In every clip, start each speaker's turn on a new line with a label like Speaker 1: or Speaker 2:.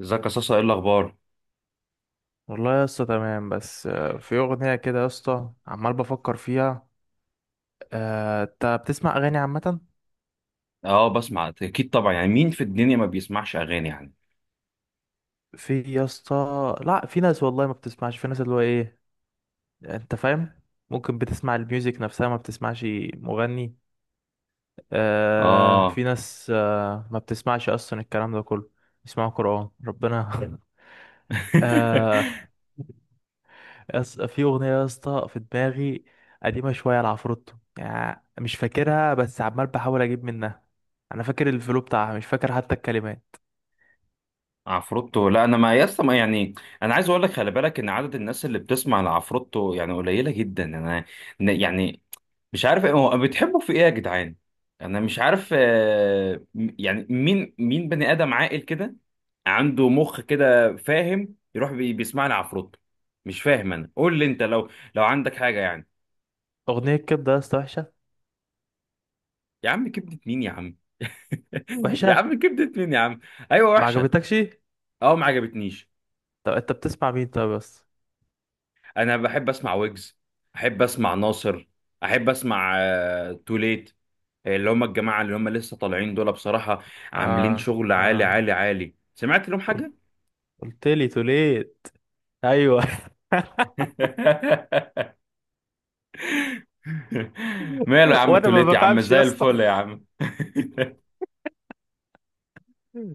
Speaker 1: ازيك يا صاصا؟ ايه الاخبار؟
Speaker 2: والله يا اسطى تمام بس في اغنيه كده يا اسطى عمال بفكر فيها. انت بتسمع اغاني عامه؟
Speaker 1: اه، بسمع اكيد طبعا. يعني مين في الدنيا ما بيسمعش اغاني يعني؟
Speaker 2: في يا اسطى. لا، في ناس والله ما بتسمعش، في ناس اللي هو ايه. انت فاهم؟ ممكن بتسمع الميوزك نفسها ما بتسمعش مغني. آه،
Speaker 1: اه.
Speaker 2: في ناس ما بتسمعش اصلا الكلام ده كله. بيسمعوا قرآن ربنا آه. يس، في أغنية يا اسطى في دماغي. قديمة شوية لعفروتو، يعني مش فاكرها بس عمال بحاول أجيب منها. أنا فاكر الفلو بتاعها مش فاكر حتى الكلمات.
Speaker 1: عفروتو؟ لا، انا ما يسطا ما يعني. انا عايز اقول لك خلي بالك ان عدد الناس اللي بتسمع لعفروتو يعني قليله جدا. انا يعني مش عارف ايه، هو بتحبوا في ايه يا جدعان؟ انا مش عارف، يعني مين مين بني ادم عاقل كده عنده مخ كده فاهم يروح بيسمع لعفروتو؟ مش فاهم. انا قول لي انت، لو عندك حاجه يعني.
Speaker 2: أغنية الكبدة يا اسطى وحشة.
Speaker 1: يا عم كبدة مين يا عم. يا
Speaker 2: وحشة.
Speaker 1: عم كبدة مين يا عم. ايوه،
Speaker 2: ما
Speaker 1: وحشة.
Speaker 2: عجبتكش.
Speaker 1: اه، ما عجبتنيش.
Speaker 2: طب أنت بتسمع مين طب بس؟
Speaker 1: انا بحب اسمع ويجز، احب اسمع ناصر، احب اسمع توليت، اللي هم الجماعة اللي هم لسه طالعين دول، بصراحة عاملين
Speaker 2: آه.
Speaker 1: شغل عالي
Speaker 2: آه.
Speaker 1: عالي عالي. سمعت لهم
Speaker 2: قلت
Speaker 1: حاجة؟
Speaker 2: قلت لي توليت. أيوه.
Speaker 1: ماله يا عم
Speaker 2: وأنا ما
Speaker 1: توليت يا عم،
Speaker 2: بفهمش يا
Speaker 1: زي
Speaker 2: اسطى.
Speaker 1: الفل يا عم.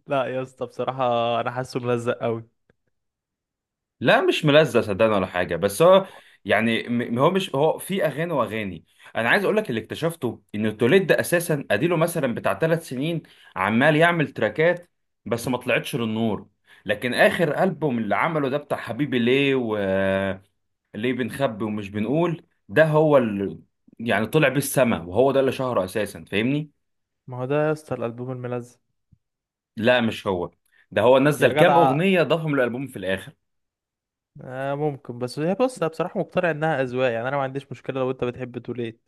Speaker 2: لا يا اسطى بصراحة. أنا حاسه ملزق أوي.
Speaker 1: لا، مش ملزق صدقني ولا حاجه، بس هو يعني هو مش، هو في اغاني واغاني. انا عايز اقول لك اللي اكتشفته ان التوليد ده اساسا اديله مثلا بتاع 3 سنين عمال يعمل تراكات، بس ما طلعتش للنور. لكن اخر البوم اللي عمله ده بتاع حبيبي ليه وليه بنخبي ومش بنقول، ده هو اللي يعني طلع بيه السما، وهو ده اللي شهره اساسا، فاهمني؟
Speaker 2: ما هو ده يا اسطى الألبوم الملزق.
Speaker 1: لا، مش هو. ده هو
Speaker 2: يا
Speaker 1: نزل كام
Speaker 2: جدع.
Speaker 1: اغنيه ضافهم للالبوم في الاخر.
Speaker 2: آه، ممكن، بس هي، بص، انا بصراحه مقتنع انها اذواق، يعني انا ما عنديش مشكله لو انت بتحب توليت.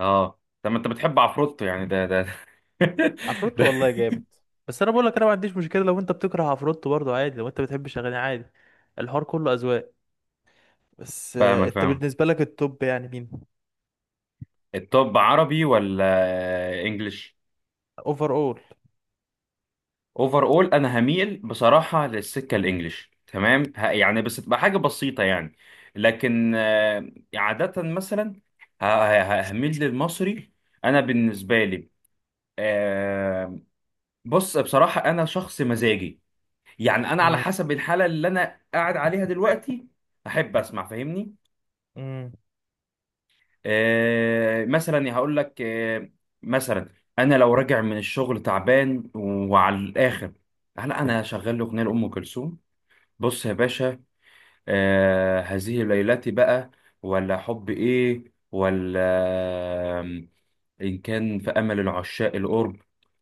Speaker 1: اه. طب ما انت بتحب عفروتو يعني؟ ده
Speaker 2: عفروتو
Speaker 1: ده-
Speaker 2: والله جامد. بس انا بقول لك انا ما عنديش مشكله لو انت بتكره عفروتو برضو عادي، لو انت بتحبش اغاني عادي. الحوار كله اذواق. بس
Speaker 1: فاهمك،
Speaker 2: انت
Speaker 1: فاهم.
Speaker 2: بالنسبه لك التوب يعني مين؟
Speaker 1: الطب عربي ولا انجليش؟
Speaker 2: اوفر اول.
Speaker 1: اوفر اول. انا هميل بصراحه للسكه الانجليش، تمام؟ يعني بس تبقى حاجه بسيطه يعني. لكن عاده مثلا هميل للمصري. انا بالنسبه لي، آه، بص بصراحه انا شخص مزاجي، يعني انا على
Speaker 2: امم
Speaker 1: حسب الحاله اللي انا قاعد عليها دلوقتي، احب اسمع، فاهمني؟
Speaker 2: أمم.
Speaker 1: مثلا يعني هقول لك، مثلا انا لو راجع من الشغل تعبان وعلى الاخر، هلا انا شغال لي اغنيه لام كلثوم. بص يا باشا، هذه ليلتي بقى، ولا حب ايه، ولا آم، ان كان في امل العشاق القرب.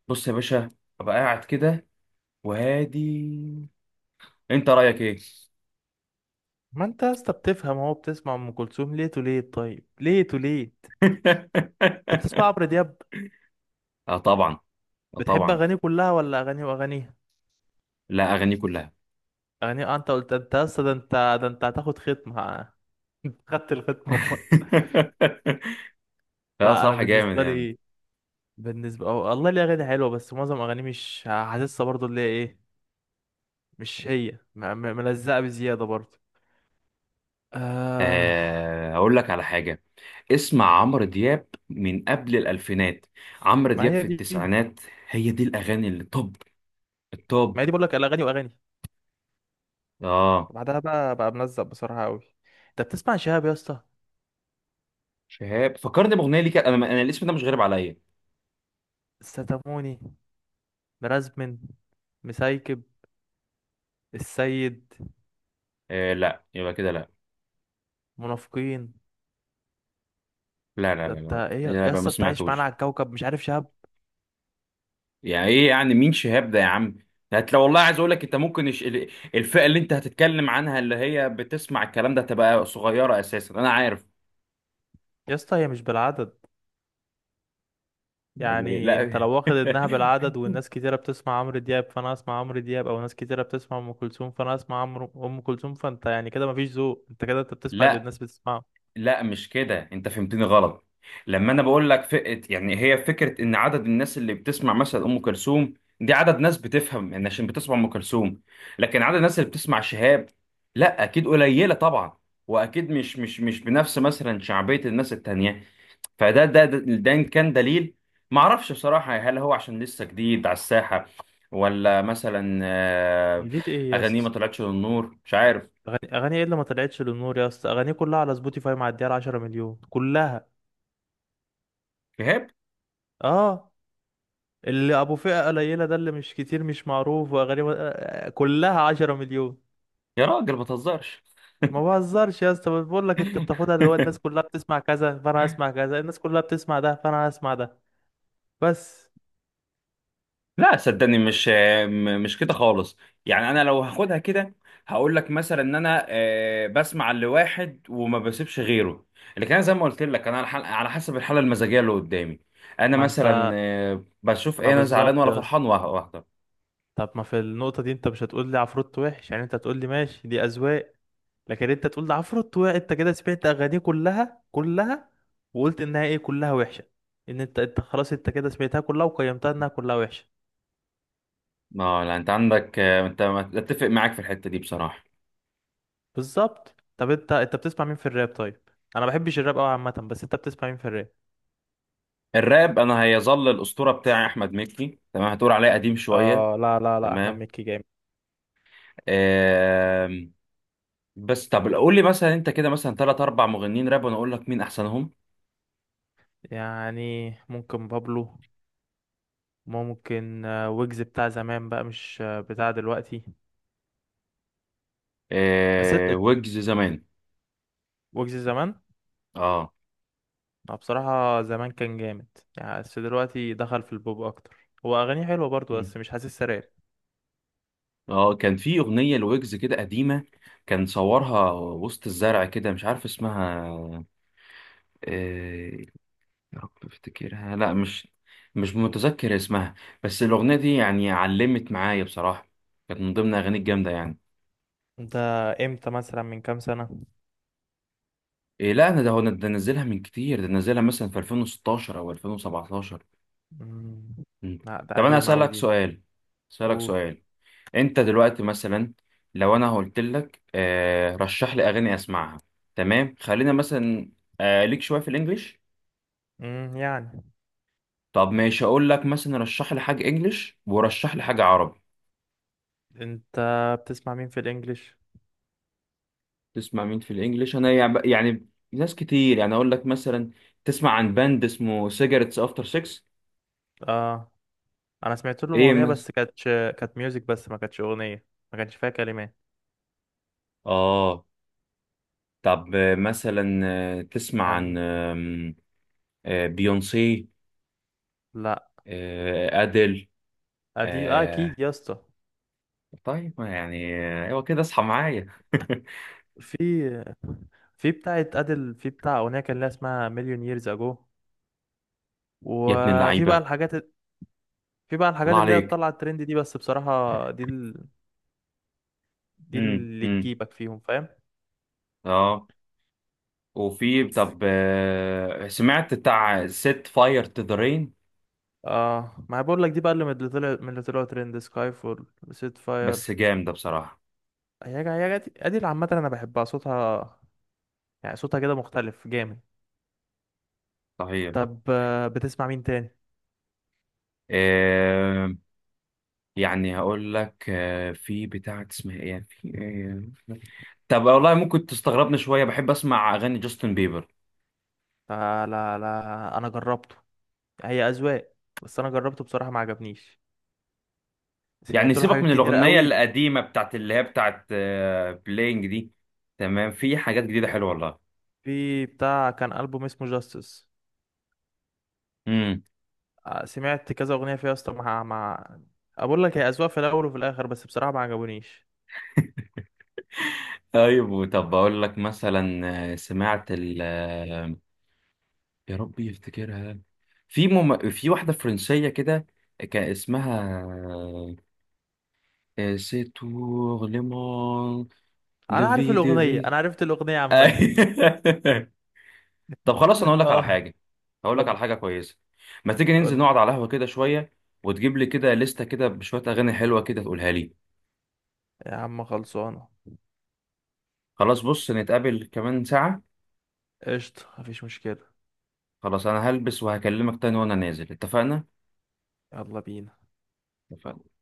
Speaker 1: بص يا باشا، ابقى قاعد كده وهادي. انت رايك ايه؟
Speaker 2: ما انت يا اسطى بتفهم اهو، بتسمع ام كلثوم، ليه توليت؟ طيب ليه توليت. بتسمع عمرو دياب؟
Speaker 1: اه طبعا. اه
Speaker 2: بتحب
Speaker 1: طبعا،
Speaker 2: اغانيه كلها ولا اغانيه واغانيه؟
Speaker 1: لا اغاني كلها.
Speaker 2: اغانيه. انت قلت، انت يا اسطى ده انت هتاخد ختمه. خدت الختمه.
Speaker 1: لا،
Speaker 2: لا انا
Speaker 1: صراحه جامد
Speaker 2: بالنسبه
Speaker 1: يعني.
Speaker 2: لي. بالنسبه، أو والله ليه اغاني حلوه بس معظم اغاني مش حاسسها برضو اللي هي ايه. مش هي ملزقه بزياده برضو. آه.
Speaker 1: هقول لك على حاجة. اسمع عمرو دياب من قبل الألفينات، عمرو
Speaker 2: ما
Speaker 1: دياب
Speaker 2: هي
Speaker 1: في
Speaker 2: دي.
Speaker 1: التسعينات. هي دي الأغاني اللي طب
Speaker 2: ما
Speaker 1: الطب.
Speaker 2: هي دي، بقول لك، الاغاني واغاني.
Speaker 1: اه.
Speaker 2: وبعدها بقى ملزق بصراحه قوي. انت بتسمع شهاب يا اسطى؟
Speaker 1: شهاب فكرني بأغنية ليك أنا. أنا الاسم ده مش غريب عليا.
Speaker 2: ستاموني. مرازمن. مسايكب. السيد.
Speaker 1: آه، لا، يبقى كده لا.
Speaker 2: منافقين.
Speaker 1: لا لا
Speaker 2: ده
Speaker 1: لا
Speaker 2: انت
Speaker 1: لا
Speaker 2: ايه يا
Speaker 1: لا يبقى ما
Speaker 2: اسطى، انت عايش معانا
Speaker 1: سمعتوش.
Speaker 2: على الكوكب مش عارف شهاب؟
Speaker 1: يعني إيه؟ يعني مين شهاب ده يا عم؟ لو والله عايز أقول لك أنت ممكن الفئة اللي أنت هتتكلم عنها اللي هي بتسمع الكلام ده تبقى صغيرة أساسا، أنا عارف.
Speaker 2: يا اسطى هي مش بالعدد. يعني انت
Speaker 1: لا.
Speaker 2: لو واخد انها بالعدد والناس كتيره بتسمع عمرو دياب فانا اسمع عمرو دياب، او ناس كتيره بتسمع ام كلثوم فانا اسمع عمرو ام كلثوم، فانت يعني كده مفيش ذوق، انت كده انت بتسمع اللي
Speaker 1: لا
Speaker 2: الناس بتسمعه.
Speaker 1: لا مش كده، انت فهمتني غلط. لما انا بقول لك فئة، يعني هي فكرة ان عدد الناس اللي بتسمع مثلا ام كلثوم دي عدد ناس بتفهم، ان عشان بتسمع ام كلثوم. لكن عدد الناس اللي بتسمع شهاب لا اكيد قليلة طبعا، واكيد مش بنفس مثلا شعبية الناس التانية. فده ده إن كان دليل، ما اعرفش بصراحة، هل هو عشان لسه جديد على الساحة، ولا مثلا
Speaker 2: جديد ايه يا
Speaker 1: اغانيه ما
Speaker 2: اسطى؟
Speaker 1: طلعتش للنور؟ مش عارف.
Speaker 2: اغاني ايه اللي ما طلعتش للنور يا اسطى؟ اغاني كلها على سبوتيفاي معديه على 10 مليون كلها.
Speaker 1: شهاب؟
Speaker 2: اه. اللي ابو فئه قليله ده اللي مش كتير مش معروف، واغاني كلها 10 مليون.
Speaker 1: يا راجل ما تهزرش.
Speaker 2: ما بهزرش يا اسطى، بقول لك انت بتاخدها اللي هو الناس كلها بتسمع كذا فانا هسمع كذا، الناس كلها بتسمع ده فانا هسمع ده. بس.
Speaker 1: لا صدقني، مش كده خالص. يعني انا لو هاخدها كده هقول لك مثلا ان انا بسمع لواحد وما بسيبش غيره. لكن انا زي ما قلت لك، انا على على حسب الحاله المزاجيه اللي قدامي. انا
Speaker 2: ما
Speaker 1: مثلا
Speaker 2: انت.
Speaker 1: بشوف
Speaker 2: ما
Speaker 1: ايه، انا زعلان
Speaker 2: بالظبط
Speaker 1: ولا
Speaker 2: يا اسطى.
Speaker 1: فرحان واحده.
Speaker 2: طب، ما في النقطة دي انت مش هتقول لي عفروت وحش، يعني انت هتقول لي ماشي دي اذواق. لكن انت تقول لي عفروت وحش، انت كده سمعت اغانيه كلها كلها، وقلت انها ايه، كلها وحشة. ان انت، خلاص انت كده سمعتها كلها وقيمتها انها كلها وحشة.
Speaker 1: اه، لا انت عندك، انت اتفق معاك في الحته دي بصراحه.
Speaker 2: بالظبط. طب انت، بتسمع مين في الراب طيب؟ انا ما بحبش الراب قوي عامة، بس انت بتسمع مين في الراب؟
Speaker 1: الراب، انا هيظل الاسطوره بتاعي احمد مكي، تمام؟ هتقول عليه قديم شويه.
Speaker 2: اه لا لا لا، احمد
Speaker 1: تمام.
Speaker 2: مكي جامد.
Speaker 1: آم، بس طب قول لي مثلا انت كده مثلا ثلاث اربع مغنيين راب وانا اقول لك مين احسنهم.
Speaker 2: يعني ممكن بابلو. ممكن ويجز بتاع زمان بقى، مش بتاع دلوقتي. بس
Speaker 1: آه، ويجز زمان.
Speaker 2: ويجز زمان.
Speaker 1: اه.
Speaker 2: اه بصراحة زمان كان جامد. يعني بس دلوقتي دخل في البوب أكتر، هو أغانيه حلوة برضو
Speaker 1: مم.
Speaker 2: بس مش حاسسها راب.
Speaker 1: اه، كان في اغنيه لويجز كده قديمه، كان صورها وسط الزرع كده، مش عارف اسمها. آه يا رب افتكرها. لا مش، مش متذكر اسمها. بس الاغنيه دي يعني علمت معايا بصراحه، كانت من ضمن اغاني الجامده يعني.
Speaker 2: انت امتى مثلا، من كام سنة؟
Speaker 1: إيه؟ لا انا ده هو، أنا ده نزلها من كتير، ده نزلها مثلا في 2016 او 2017.
Speaker 2: مم.
Speaker 1: مم.
Speaker 2: لا ده
Speaker 1: طب انا
Speaker 2: قديمة أوي
Speaker 1: اسالك
Speaker 2: دي.
Speaker 1: سؤال، اسالك
Speaker 2: قول.
Speaker 1: سؤال. انت دلوقتي مثلا، لو انا قلت لك رشح لي اغاني اسمعها، تمام؟ خلينا مثلا ليك شويه في الانجليش.
Speaker 2: يعني.
Speaker 1: طب ماشي، اقول لك مثلا رشح لي حاجه انجليش ورشح لي حاجه عربي.
Speaker 2: انت بتسمع مين في الإنجليش؟
Speaker 1: تسمع مين في الانجليش؟ انا يعني ناس كتير، يعني اقول لك مثلا: تسمع عن باند اسمه سيجارتس افتر 6؟
Speaker 2: اه، أنا سمعت لهم
Speaker 1: ايه
Speaker 2: أغنية
Speaker 1: مثلا؟
Speaker 2: بس كانتش، كانت ميوزك بس ما كانتش أغنية. ما كانش فيها كلمات.
Speaker 1: اه. طب مثلا تسمع
Speaker 2: كان.
Speaker 1: عن بيونسي،
Speaker 2: لا.
Speaker 1: ادل؟
Speaker 2: أدي أكيد يا اسطى.
Speaker 1: طيب، ما يعني. ايوه كده، اصحى معايا.
Speaker 2: في. في بتاعة أدل، في بتاع أغنية كان لها اسمها مليون ييرز أجو.
Speaker 1: يا ابن
Speaker 2: وفي بقى
Speaker 1: اللعيبه.
Speaker 2: الحاجات. في بقى الحاجات
Speaker 1: الله
Speaker 2: اللي هي
Speaker 1: عليك.
Speaker 2: طالعه الترند دي، بس بصراحه دي دي اللي
Speaker 1: امم.
Speaker 2: تجيبك فيهم فاهم.
Speaker 1: اه. وفي طب سمعت بتاع ست فاير تو ذا رين.
Speaker 2: اه، ما أنا بقول لك دي بقى اللي من اللي طلعوا ترند سكاي فول. سيت
Speaker 1: بس
Speaker 2: فاير.
Speaker 1: جامد ده بصراحه.
Speaker 2: دي ادي اللي عامه انا بحبها صوتها. يعني صوتها كده مختلف جامد.
Speaker 1: صحيح.
Speaker 2: طب بتسمع مين تاني؟
Speaker 1: آه يعني هقول لك في بتاع اسمها ايه يعني، في آه طب والله ممكن تستغربني شويه، بحب اسمع اغاني جاستن بيبر.
Speaker 2: آه لا لا، انا جربته. هي اذواق. بس انا جربته بصراحه ما عجبنيش.
Speaker 1: يعني
Speaker 2: سمعت له
Speaker 1: سيبك
Speaker 2: حاجات
Speaker 1: من
Speaker 2: كتيره
Speaker 1: الاغنيه
Speaker 2: قوي.
Speaker 1: القديمه بتاعت اللي هي بتاعت بلينج دي، تمام؟ في حاجات جديده حلوه.
Speaker 2: في بتاع كان البوم اسمه جاستس.
Speaker 1: والله.
Speaker 2: سمعت كذا اغنيه فيها يا اسطى مع. اقول لك هي اذواق في الاول وفي الاخر بس بصراحه ما عجبونيش.
Speaker 1: طيب بقول لك مثلا سمعت ال آه، يا ربي يفتكرها. في واحدة فرنسية كده كان اسمها سي تور ليمون لفي دي في.
Speaker 2: انا عرفت الاغنيه عامه
Speaker 1: أي- طب خلاص، انا اقول لك على
Speaker 2: اه.
Speaker 1: حاجة. هقول لك على
Speaker 2: قول.
Speaker 1: حاجة كويسة. ما تيجي ننزل
Speaker 2: قول.
Speaker 1: نقعد على القهوة كده شوية، وتجيب لي كده لستة كده بشوية أغاني حلوة كده تقولها لي.
Speaker 2: يا عم خلصانه.
Speaker 1: خلاص، بص نتقابل كمان ساعة.
Speaker 2: قشطه، مفيش مشكله.
Speaker 1: خلاص، أنا هلبس وهكلمك تاني وأنا نازل، اتفقنا؟
Speaker 2: يلا بينا.
Speaker 1: اتفقنا.